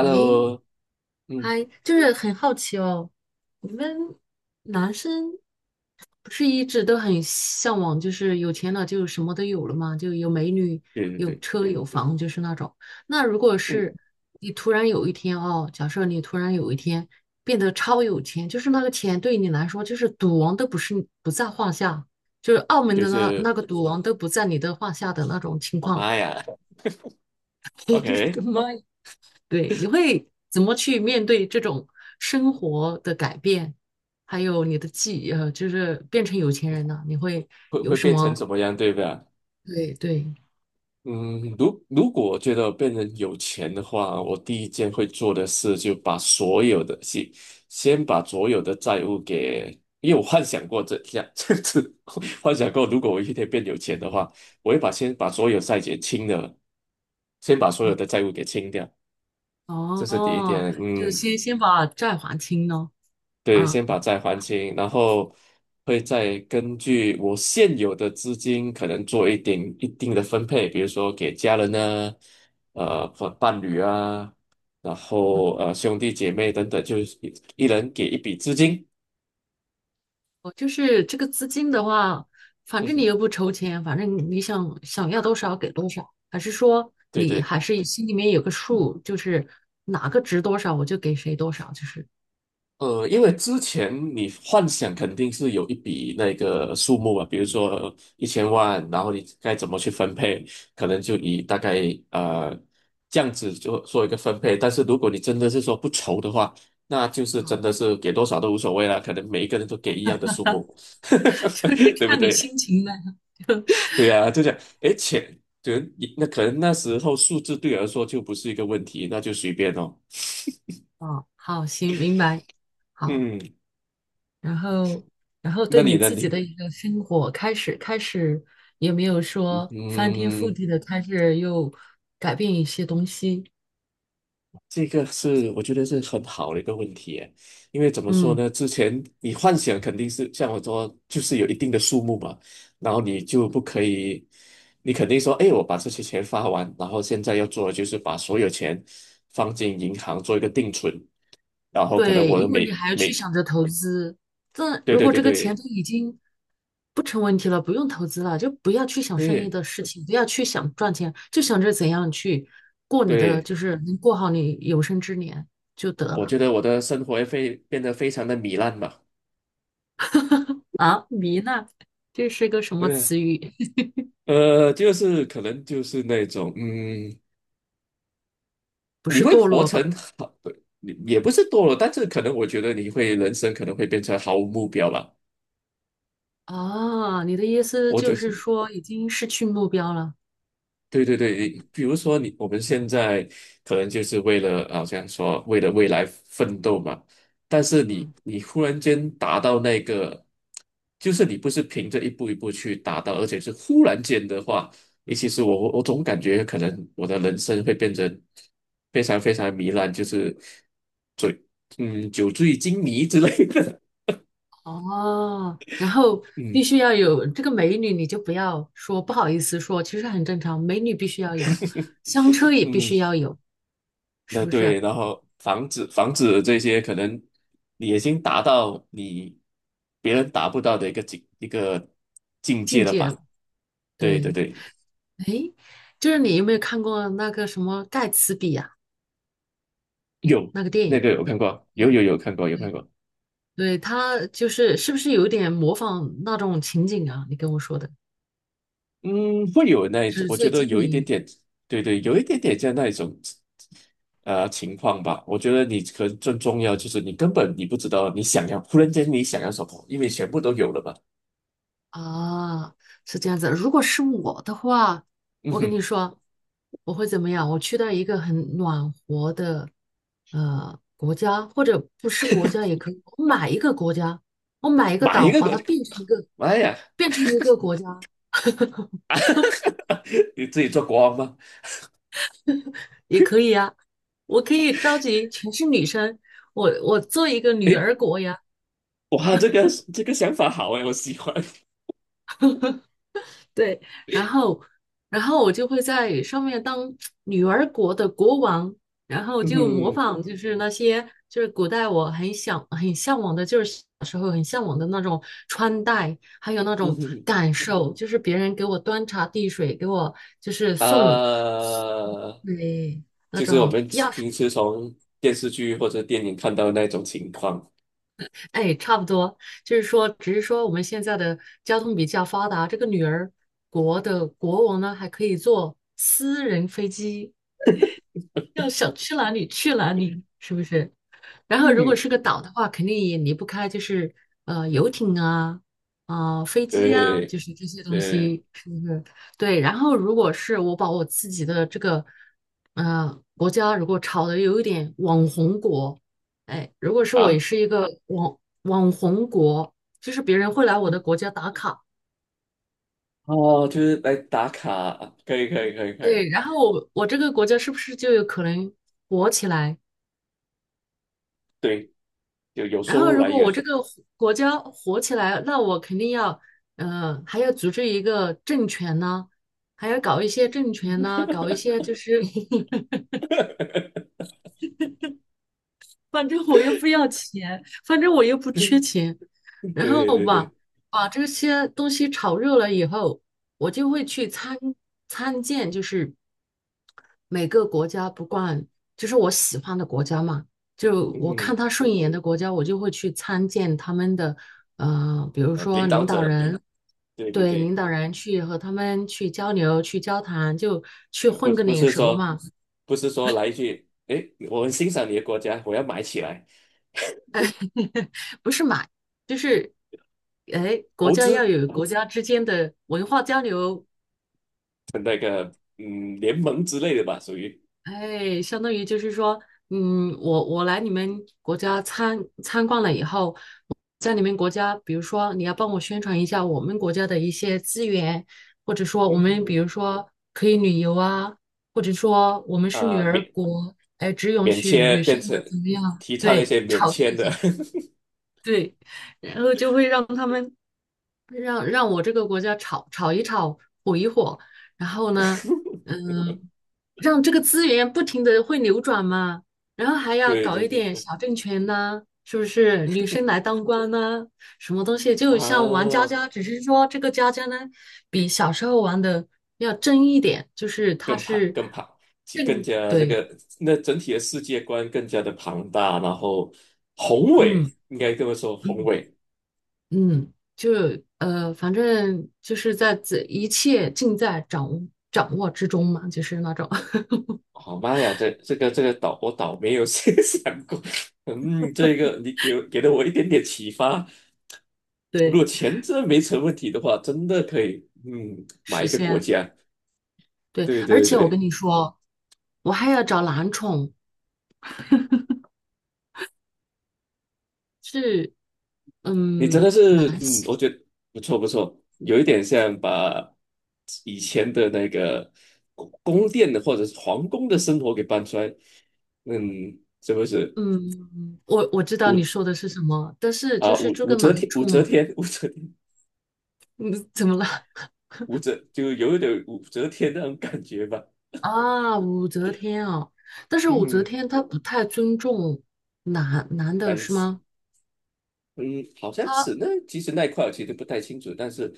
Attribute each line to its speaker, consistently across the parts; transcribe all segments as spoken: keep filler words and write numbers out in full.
Speaker 1: 诶，
Speaker 2: 嗯，
Speaker 1: 嗨，就是很好奇哦，你们男生不是一直都很向往，就是有钱了就什么都有了嘛，就有美女、
Speaker 2: 对对
Speaker 1: 有
Speaker 2: 对，
Speaker 1: 车、有房，就是那种。那如果
Speaker 2: 嗯，
Speaker 1: 是你突然有一天哦，假设你突然有一天变得超有钱，就是那个钱对你来说就是赌王都不是不在话下，就是澳门
Speaker 2: 就
Speaker 1: 的那
Speaker 2: 是
Speaker 1: 那个赌王都不在你的话下的那种情
Speaker 2: 我
Speaker 1: 况，
Speaker 2: 妈呀
Speaker 1: 你
Speaker 2: ，OK，
Speaker 1: 的妈呀！对，你会怎么去面对这种生活的改变，还有你的技，呃，就是变成有钱人呢？你会
Speaker 2: 会
Speaker 1: 有
Speaker 2: 会
Speaker 1: 什
Speaker 2: 变成怎
Speaker 1: 么？
Speaker 2: 么样，对吧？
Speaker 1: 对对，
Speaker 2: 嗯，如如果我觉得我变成有钱的话，我第一件会做的事就把所有的先先把所有的债务给，因为我幻想过这这样 这样子幻想过如果我一天变有钱的话，我会把先把所有债给清了，先把所有的债务给清掉，这是第一
Speaker 1: 哦，
Speaker 2: 点，
Speaker 1: 就是
Speaker 2: 嗯。
Speaker 1: 先先把债还清咯。
Speaker 2: 对，
Speaker 1: 啊，
Speaker 2: 先把债还清，然后会再根据我现有的资金，可能做一点一定的分配，比如说给家人呢，呃，或伴侣啊，然后呃兄弟姐妹等等，就是一一人给一笔资金。
Speaker 1: 哦就是这个资金的话，反
Speaker 2: 嗯
Speaker 1: 正你
Speaker 2: 哼，
Speaker 1: 又不筹钱，反正你想想要多少给多少，还是说
Speaker 2: 对
Speaker 1: 你
Speaker 2: 对。
Speaker 1: 还是心里面有个数，就是哪个值多少我就给谁多少，就是
Speaker 2: 呃，因为之前你幻想肯定是有一笔那个数目啊，比如说一千万，然后你该怎么去分配，可能就以大概呃这样子就做一个分配。但是如果你真的是说不愁的话，那就是真的是给多少都无所谓了，可能每一个人都给一样的数目，
Speaker 1: 就是
Speaker 2: 对不
Speaker 1: 看你
Speaker 2: 对？
Speaker 1: 心情了。
Speaker 2: 对呀、就这样，诶，钱，就那可能那时候数字对我来说就不是一个问题，那就随便哦。
Speaker 1: 哦，好，行，明白。好，
Speaker 2: 嗯，
Speaker 1: 然后，然后
Speaker 2: 那
Speaker 1: 对
Speaker 2: 你
Speaker 1: 你
Speaker 2: 呢？
Speaker 1: 自己
Speaker 2: 你
Speaker 1: 的一个生活开始，开始也没有说翻天覆
Speaker 2: 嗯。
Speaker 1: 地的开始又改变一些东西。
Speaker 2: 这个是我觉得是很好的一个问题耶，因为怎么说
Speaker 1: 嗯，
Speaker 2: 呢？之前你幻想肯定是像我说，就是有一定的数目嘛，然后你就不可以，你肯定说，哎，我把这些钱发完，然后现在要做的就是把所有钱放进银行做一个定存，然后可能
Speaker 1: 对，
Speaker 2: 我的
Speaker 1: 因为你
Speaker 2: 每
Speaker 1: 还要去
Speaker 2: 每，
Speaker 1: 想着投资。这
Speaker 2: 对
Speaker 1: 如
Speaker 2: 对
Speaker 1: 果
Speaker 2: 对
Speaker 1: 这个钱
Speaker 2: 对
Speaker 1: 都已经不成问题了，不用投资了，就不要去想生意
Speaker 2: 对
Speaker 1: 的事情，不要去想赚钱，就想着怎样去过你的，
Speaker 2: 对，
Speaker 1: 就是能过好你有生之年就得
Speaker 2: 我
Speaker 1: 了。
Speaker 2: 觉得我的生活也非变得非常的糜烂嘛，
Speaker 1: 啊，迷呢？这是个什么
Speaker 2: 对啊，
Speaker 1: 词语？
Speaker 2: 呃，就是可能就是那种嗯。
Speaker 1: 不
Speaker 2: 你
Speaker 1: 是
Speaker 2: 会
Speaker 1: 堕
Speaker 2: 活
Speaker 1: 落吧？
Speaker 2: 成好，你也不是堕落，但是可能我觉得你会人生可能会变成毫无目标吧。
Speaker 1: 啊，你的意思
Speaker 2: 我
Speaker 1: 就
Speaker 2: 就
Speaker 1: 是
Speaker 2: 是
Speaker 1: 说已经失去目标了。
Speaker 2: 对对对，比如说你我们现在可能就是为了好像说为了未来奋斗嘛，但是你
Speaker 1: 嗯，
Speaker 2: 你忽然间达到那个，就是你不是凭着一步一步去达到，而且是忽然间的话，你其实我我总感觉可能我的人生会变成非常非常糜烂，就是醉嗯酒醉金迷之类的。
Speaker 1: 哦，然后必
Speaker 2: 嗯
Speaker 1: 须要有这个美女，你就不要说不好意思说，其实很正常，美女必须要有，香车也必
Speaker 2: 嗯，
Speaker 1: 须要有，是
Speaker 2: 那
Speaker 1: 不是？
Speaker 2: 对，然后防止防止这些可能你已经达到你别人达不到的一个境一个境界
Speaker 1: 境
Speaker 2: 了
Speaker 1: 界了
Speaker 2: 吧？对对
Speaker 1: 对，
Speaker 2: 对，
Speaker 1: 哎，就是你有没有看过那个什么盖茨比呀、
Speaker 2: 有那个有看过，有
Speaker 1: 对
Speaker 2: 有有看过有看过，
Speaker 1: 对，他就是是不是有点模仿那种情景啊？你跟我说的
Speaker 2: 嗯，会有那一种，
Speaker 1: 纸
Speaker 2: 我觉
Speaker 1: 醉
Speaker 2: 得
Speaker 1: 金
Speaker 2: 有一点
Speaker 1: 迷。
Speaker 2: 点，对对，有一点点像那一种呃情况吧。我觉得你可能最重要就是你根本你不知道你想要，忽然间你想要什么，因为全部都有了吧？
Speaker 1: 啊，是这样子。如果是我的话，
Speaker 2: 嗯
Speaker 1: 我跟你
Speaker 2: 哼，
Speaker 1: 说，我会怎么样？我去到一个很暖和的呃国家，或者不是国家也可以，我买一个国家，我买一个
Speaker 2: 买一
Speaker 1: 岛，
Speaker 2: 个
Speaker 1: 把
Speaker 2: 过
Speaker 1: 它
Speaker 2: 去，
Speaker 1: 变成一个
Speaker 2: 妈呀！
Speaker 1: 变成一个国家
Speaker 2: 你自己做国王吗？
Speaker 1: 也可以呀。我可以召集全是女生，我我做一个女
Speaker 2: 诶，
Speaker 1: 儿国呀。
Speaker 2: 哇，这个这个想法好诶，我喜欢。
Speaker 1: 对，然后，然后我就会在上面当女儿国的国王，然 后
Speaker 2: 嗯
Speaker 1: 就模
Speaker 2: 哼
Speaker 1: 仿，就是那些就是古代我很想很向往的，就是小时候很向往的那种穿戴，还有那
Speaker 2: 嗯
Speaker 1: 种
Speaker 2: 哼，
Speaker 1: 感受，就是别人给我端茶递水，给我就是送，
Speaker 2: 呃，
Speaker 1: 对，那
Speaker 2: 就是我
Speaker 1: 种
Speaker 2: 们
Speaker 1: 钥匙，
Speaker 2: 平时从电视剧或者电影看到的那种情况。
Speaker 1: 哎，差不多，就是说，只是说我们现在的交通比较发达，这个女儿国的国王呢，还可以坐私人飞机。要想去哪里去哪里，是不是？然后如果
Speaker 2: 嗯，
Speaker 1: 是个岛的话，肯定也离不开就是呃游艇啊，啊、飞机啊，
Speaker 2: 对
Speaker 1: 就是这些东
Speaker 2: 对
Speaker 1: 西，是不是？对。然后如果是我把我自己的这个呃国家如果炒的有一点网红国，哎，如果是我也
Speaker 2: 啊，
Speaker 1: 是一个网网红国，就是别人会来我的国家打卡，
Speaker 2: 哦，就是来打卡，可以可以可以可以，
Speaker 1: 对。然后我我这个国家是不是就有可能火起来？
Speaker 2: 对，有有
Speaker 1: 然
Speaker 2: 收
Speaker 1: 后，
Speaker 2: 入
Speaker 1: 如
Speaker 2: 来
Speaker 1: 果我
Speaker 2: 源。
Speaker 1: 这个火国家火起来，那我肯定要，呃，还要组织一个政权呢，还要搞一些政权呢，搞一些就是，反正我又不要钱，反正我又不缺钱，然
Speaker 2: 对
Speaker 1: 后
Speaker 2: 对
Speaker 1: 把
Speaker 2: 对，
Speaker 1: 把这些东西炒热了以后，我就会去参参见，就是每个国家不管就是我喜欢的国家嘛，就
Speaker 2: 嗯
Speaker 1: 我看
Speaker 2: 哼，
Speaker 1: 他顺眼的国家，我就会去参见他们的，呃，比如
Speaker 2: 呃，
Speaker 1: 说
Speaker 2: 领导
Speaker 1: 领导
Speaker 2: 者，
Speaker 1: 人，
Speaker 2: 对对
Speaker 1: 对领
Speaker 2: 对。
Speaker 1: 导人去和他们去交流、去交谈，就去
Speaker 2: 呃不
Speaker 1: 混个
Speaker 2: 不
Speaker 1: 脸
Speaker 2: 是
Speaker 1: 熟
Speaker 2: 说
Speaker 1: 嘛，
Speaker 2: 不是说来一句，诶，我很欣赏你的国家，我要买起来
Speaker 1: 不是买，就是。哎，国
Speaker 2: 投
Speaker 1: 家要
Speaker 2: 资
Speaker 1: 有国家之间的文化交流，
Speaker 2: 的那个嗯联盟之类的吧，属于
Speaker 1: 哎，相当于就是说，嗯，我我来你们国家参参观了以后，在你们国家，比如说你要帮我宣传一下我们国家的一些资源，或者说我
Speaker 2: 嗯哼
Speaker 1: 们比
Speaker 2: 哼，
Speaker 1: 如说可以旅游啊，或者说我们是女
Speaker 2: 啊、
Speaker 1: 儿
Speaker 2: 免
Speaker 1: 国，
Speaker 2: 免签变
Speaker 1: 或
Speaker 2: 成
Speaker 1: 者怎么样，
Speaker 2: 提倡一
Speaker 1: 对，
Speaker 2: 些免
Speaker 1: 炒作
Speaker 2: 签
Speaker 1: 一
Speaker 2: 的，
Speaker 1: 下，对，然后就会让他们让让我这个国家炒炒一炒，火一火，然后呢，嗯，让这个资源不停的会流转嘛，然后还 要
Speaker 2: 对
Speaker 1: 搞
Speaker 2: 对
Speaker 1: 一
Speaker 2: 对
Speaker 1: 点
Speaker 2: 对
Speaker 1: 小政权呐、是不是？女生来当官呐、什么东西？就像玩
Speaker 2: 啊，
Speaker 1: 家家，只是说这个家家呢，比小时候玩的要真一点，就是它
Speaker 2: 更庞
Speaker 1: 是
Speaker 2: 更庞，其
Speaker 1: 更
Speaker 2: 更加那
Speaker 1: 对，
Speaker 2: 个那整体的世界观更加的庞大，然后宏伟，
Speaker 1: 嗯
Speaker 2: 应该这么说宏
Speaker 1: 嗯
Speaker 2: 伟，
Speaker 1: 嗯，就呃，反正就是在这一切尽在掌握掌握之中嘛，就是那种。
Speaker 2: 好妈呀，这这个这个倒我倒没有先 想过，嗯，这个你给我给了我一点点启发。如果
Speaker 1: 对，
Speaker 2: 钱真的没成问题的话，真的可以，嗯，买
Speaker 1: 实
Speaker 2: 一个国
Speaker 1: 现
Speaker 2: 家。
Speaker 1: 对，
Speaker 2: 对
Speaker 1: 而
Speaker 2: 对
Speaker 1: 且我
Speaker 2: 对，
Speaker 1: 跟你说，我还要找男宠，是，
Speaker 2: 你真
Speaker 1: 嗯，
Speaker 2: 的是，
Speaker 1: 男
Speaker 2: 嗯，我
Speaker 1: 性，
Speaker 2: 觉得不错不错，有一点像把以前的那个宫宫殿的或者是皇宫的生活给搬出来，嗯，是不是？
Speaker 1: 嗯，我我知道你
Speaker 2: 武
Speaker 1: 说的是什么，但是就
Speaker 2: 啊
Speaker 1: 是
Speaker 2: 武
Speaker 1: 这
Speaker 2: 武
Speaker 1: 个
Speaker 2: 则
Speaker 1: 男
Speaker 2: 天，武则
Speaker 1: 宠，
Speaker 2: 天，武则
Speaker 1: 嗯，怎么了？
Speaker 2: 武则就有一点武则天那种感觉吧。
Speaker 1: 啊，武则天啊，但是武则
Speaker 2: 嗯
Speaker 1: 天她不太尊重男男的
Speaker 2: 但
Speaker 1: 是
Speaker 2: 是，
Speaker 1: 吗？
Speaker 2: 嗯，好像
Speaker 1: 她
Speaker 2: 是那其实那一块我其实不太清楚，但是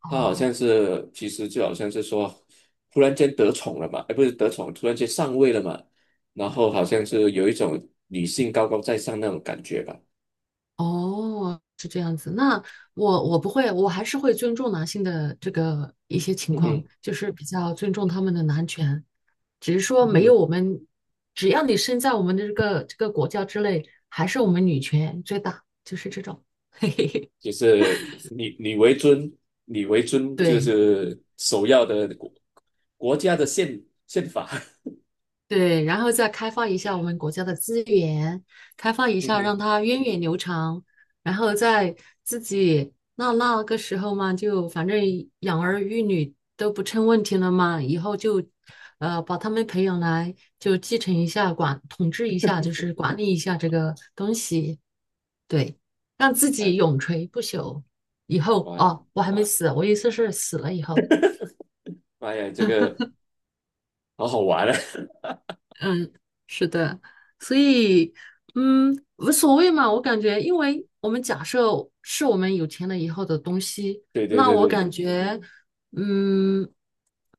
Speaker 1: 啊，
Speaker 2: 他好
Speaker 1: 哦
Speaker 2: 像是其实就好像是说，突然间得宠了嘛，哎，不是得宠，突然间上位了嘛，然后好像是有一种女性高高在上那种感觉吧，
Speaker 1: 哦，是这样子。那我我不会，我还是会尊重男性的这个一些情
Speaker 2: 嗯
Speaker 1: 况，
Speaker 2: 哼
Speaker 1: 就是比较尊重他们的男权，只是说
Speaker 2: 嗯
Speaker 1: 没有
Speaker 2: 哼
Speaker 1: 我们，只要你身在我们的这个这个国家之内，还是我们女权最大，就是这种。嘿嘿嘿，
Speaker 2: 就是你你为尊，你为尊就
Speaker 1: 对。
Speaker 2: 是首要的国国家的宪宪法。
Speaker 1: 对，然后再开发一下我们国家的资源，开发一
Speaker 2: 嗯
Speaker 1: 下让
Speaker 2: 哼，
Speaker 1: 它源远流长，然后在自己那那个时候嘛，就反正养儿育女都不成问题了嘛，以后就
Speaker 2: 嗯
Speaker 1: 呃把他们培养来，就继承一下管统治一下，就是管理一下这个东西，对，让自
Speaker 2: 哎，
Speaker 1: 己永垂不朽。以后
Speaker 2: 哇，
Speaker 1: 哦，我还没死，我意思是死了以后。
Speaker 2: 妈呀，这个。好好玩啊！
Speaker 1: 嗯，是的，所以，嗯，无所谓嘛。我感觉，因为我们假设是我们有钱了以后的东西，
Speaker 2: 对对
Speaker 1: 那
Speaker 2: 对
Speaker 1: 我
Speaker 2: 对
Speaker 1: 感觉，嗯，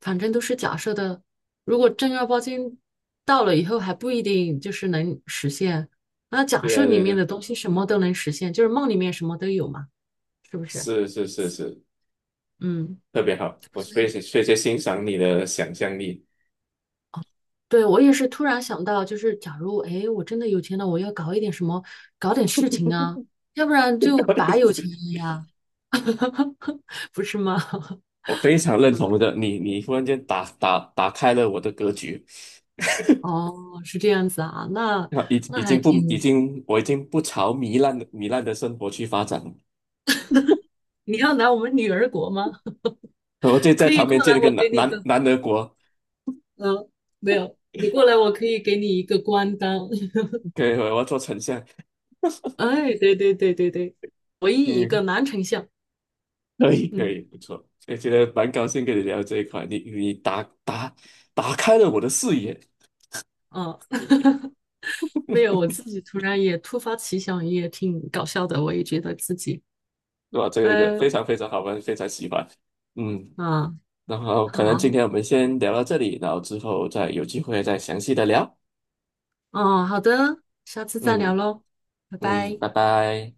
Speaker 1: 反正都是假设的。如果正儿八经到了以后，还不一定就是能实现。那假
Speaker 2: 对
Speaker 1: 设
Speaker 2: 啊
Speaker 1: 里
Speaker 2: 对
Speaker 1: 面
Speaker 2: 对，
Speaker 1: 的东西什么都能实现，就是梦里面什么都有嘛，是不是？
Speaker 2: 是是是是，
Speaker 1: 嗯
Speaker 2: 特别好，我非常非常欣赏你的想象力，
Speaker 1: 对，我也是突然想到，就是假如，哎，我真的有钱了，我要搞一点什么，搞点事情啊，要不然 就
Speaker 2: 搞点
Speaker 1: 白
Speaker 2: 事
Speaker 1: 有钱
Speaker 2: 情，
Speaker 1: 了呀，不是吗？
Speaker 2: 我非常认同的，你你忽然间打打打开了我的格局，
Speaker 1: 哦，是这样子啊，那
Speaker 2: 啊已
Speaker 1: 那
Speaker 2: 已
Speaker 1: 还
Speaker 2: 经不已
Speaker 1: 挺，
Speaker 2: 经我已经不朝糜烂的糜烂的生活去发展了，
Speaker 1: 你要来我们女儿国吗？
Speaker 2: 我就在
Speaker 1: 可以
Speaker 2: 旁
Speaker 1: 过
Speaker 2: 边建
Speaker 1: 来，
Speaker 2: 了个
Speaker 1: 我
Speaker 2: 南
Speaker 1: 给你一
Speaker 2: 南
Speaker 1: 个，
Speaker 2: 南德国，
Speaker 1: 嗯，没有，你过来，我可以给你一个官当。
Speaker 2: 可以，我要做丞相，
Speaker 1: 哎，对对对对对，唯一一个
Speaker 2: 嗯，
Speaker 1: 男丞相。
Speaker 2: 可以可
Speaker 1: 嗯
Speaker 2: 以，不错，也觉得蛮高兴跟你聊这一块，你你打打打开了我的视野。
Speaker 1: 嗯，没有，我自己突然也突发奇想，也挺搞笑的，我也觉得自己。
Speaker 2: 对吧？这个个非
Speaker 1: 嗯，
Speaker 2: 常非常好玩，非常喜欢。嗯，
Speaker 1: 嗯，
Speaker 2: 然后可能
Speaker 1: 好，
Speaker 2: 今天我们先聊到这里，然后之后再有机会再详细的聊。
Speaker 1: 哦，好的，下次再聊
Speaker 2: 嗯
Speaker 1: 喽，拜
Speaker 2: 嗯，
Speaker 1: 拜。
Speaker 2: 拜拜。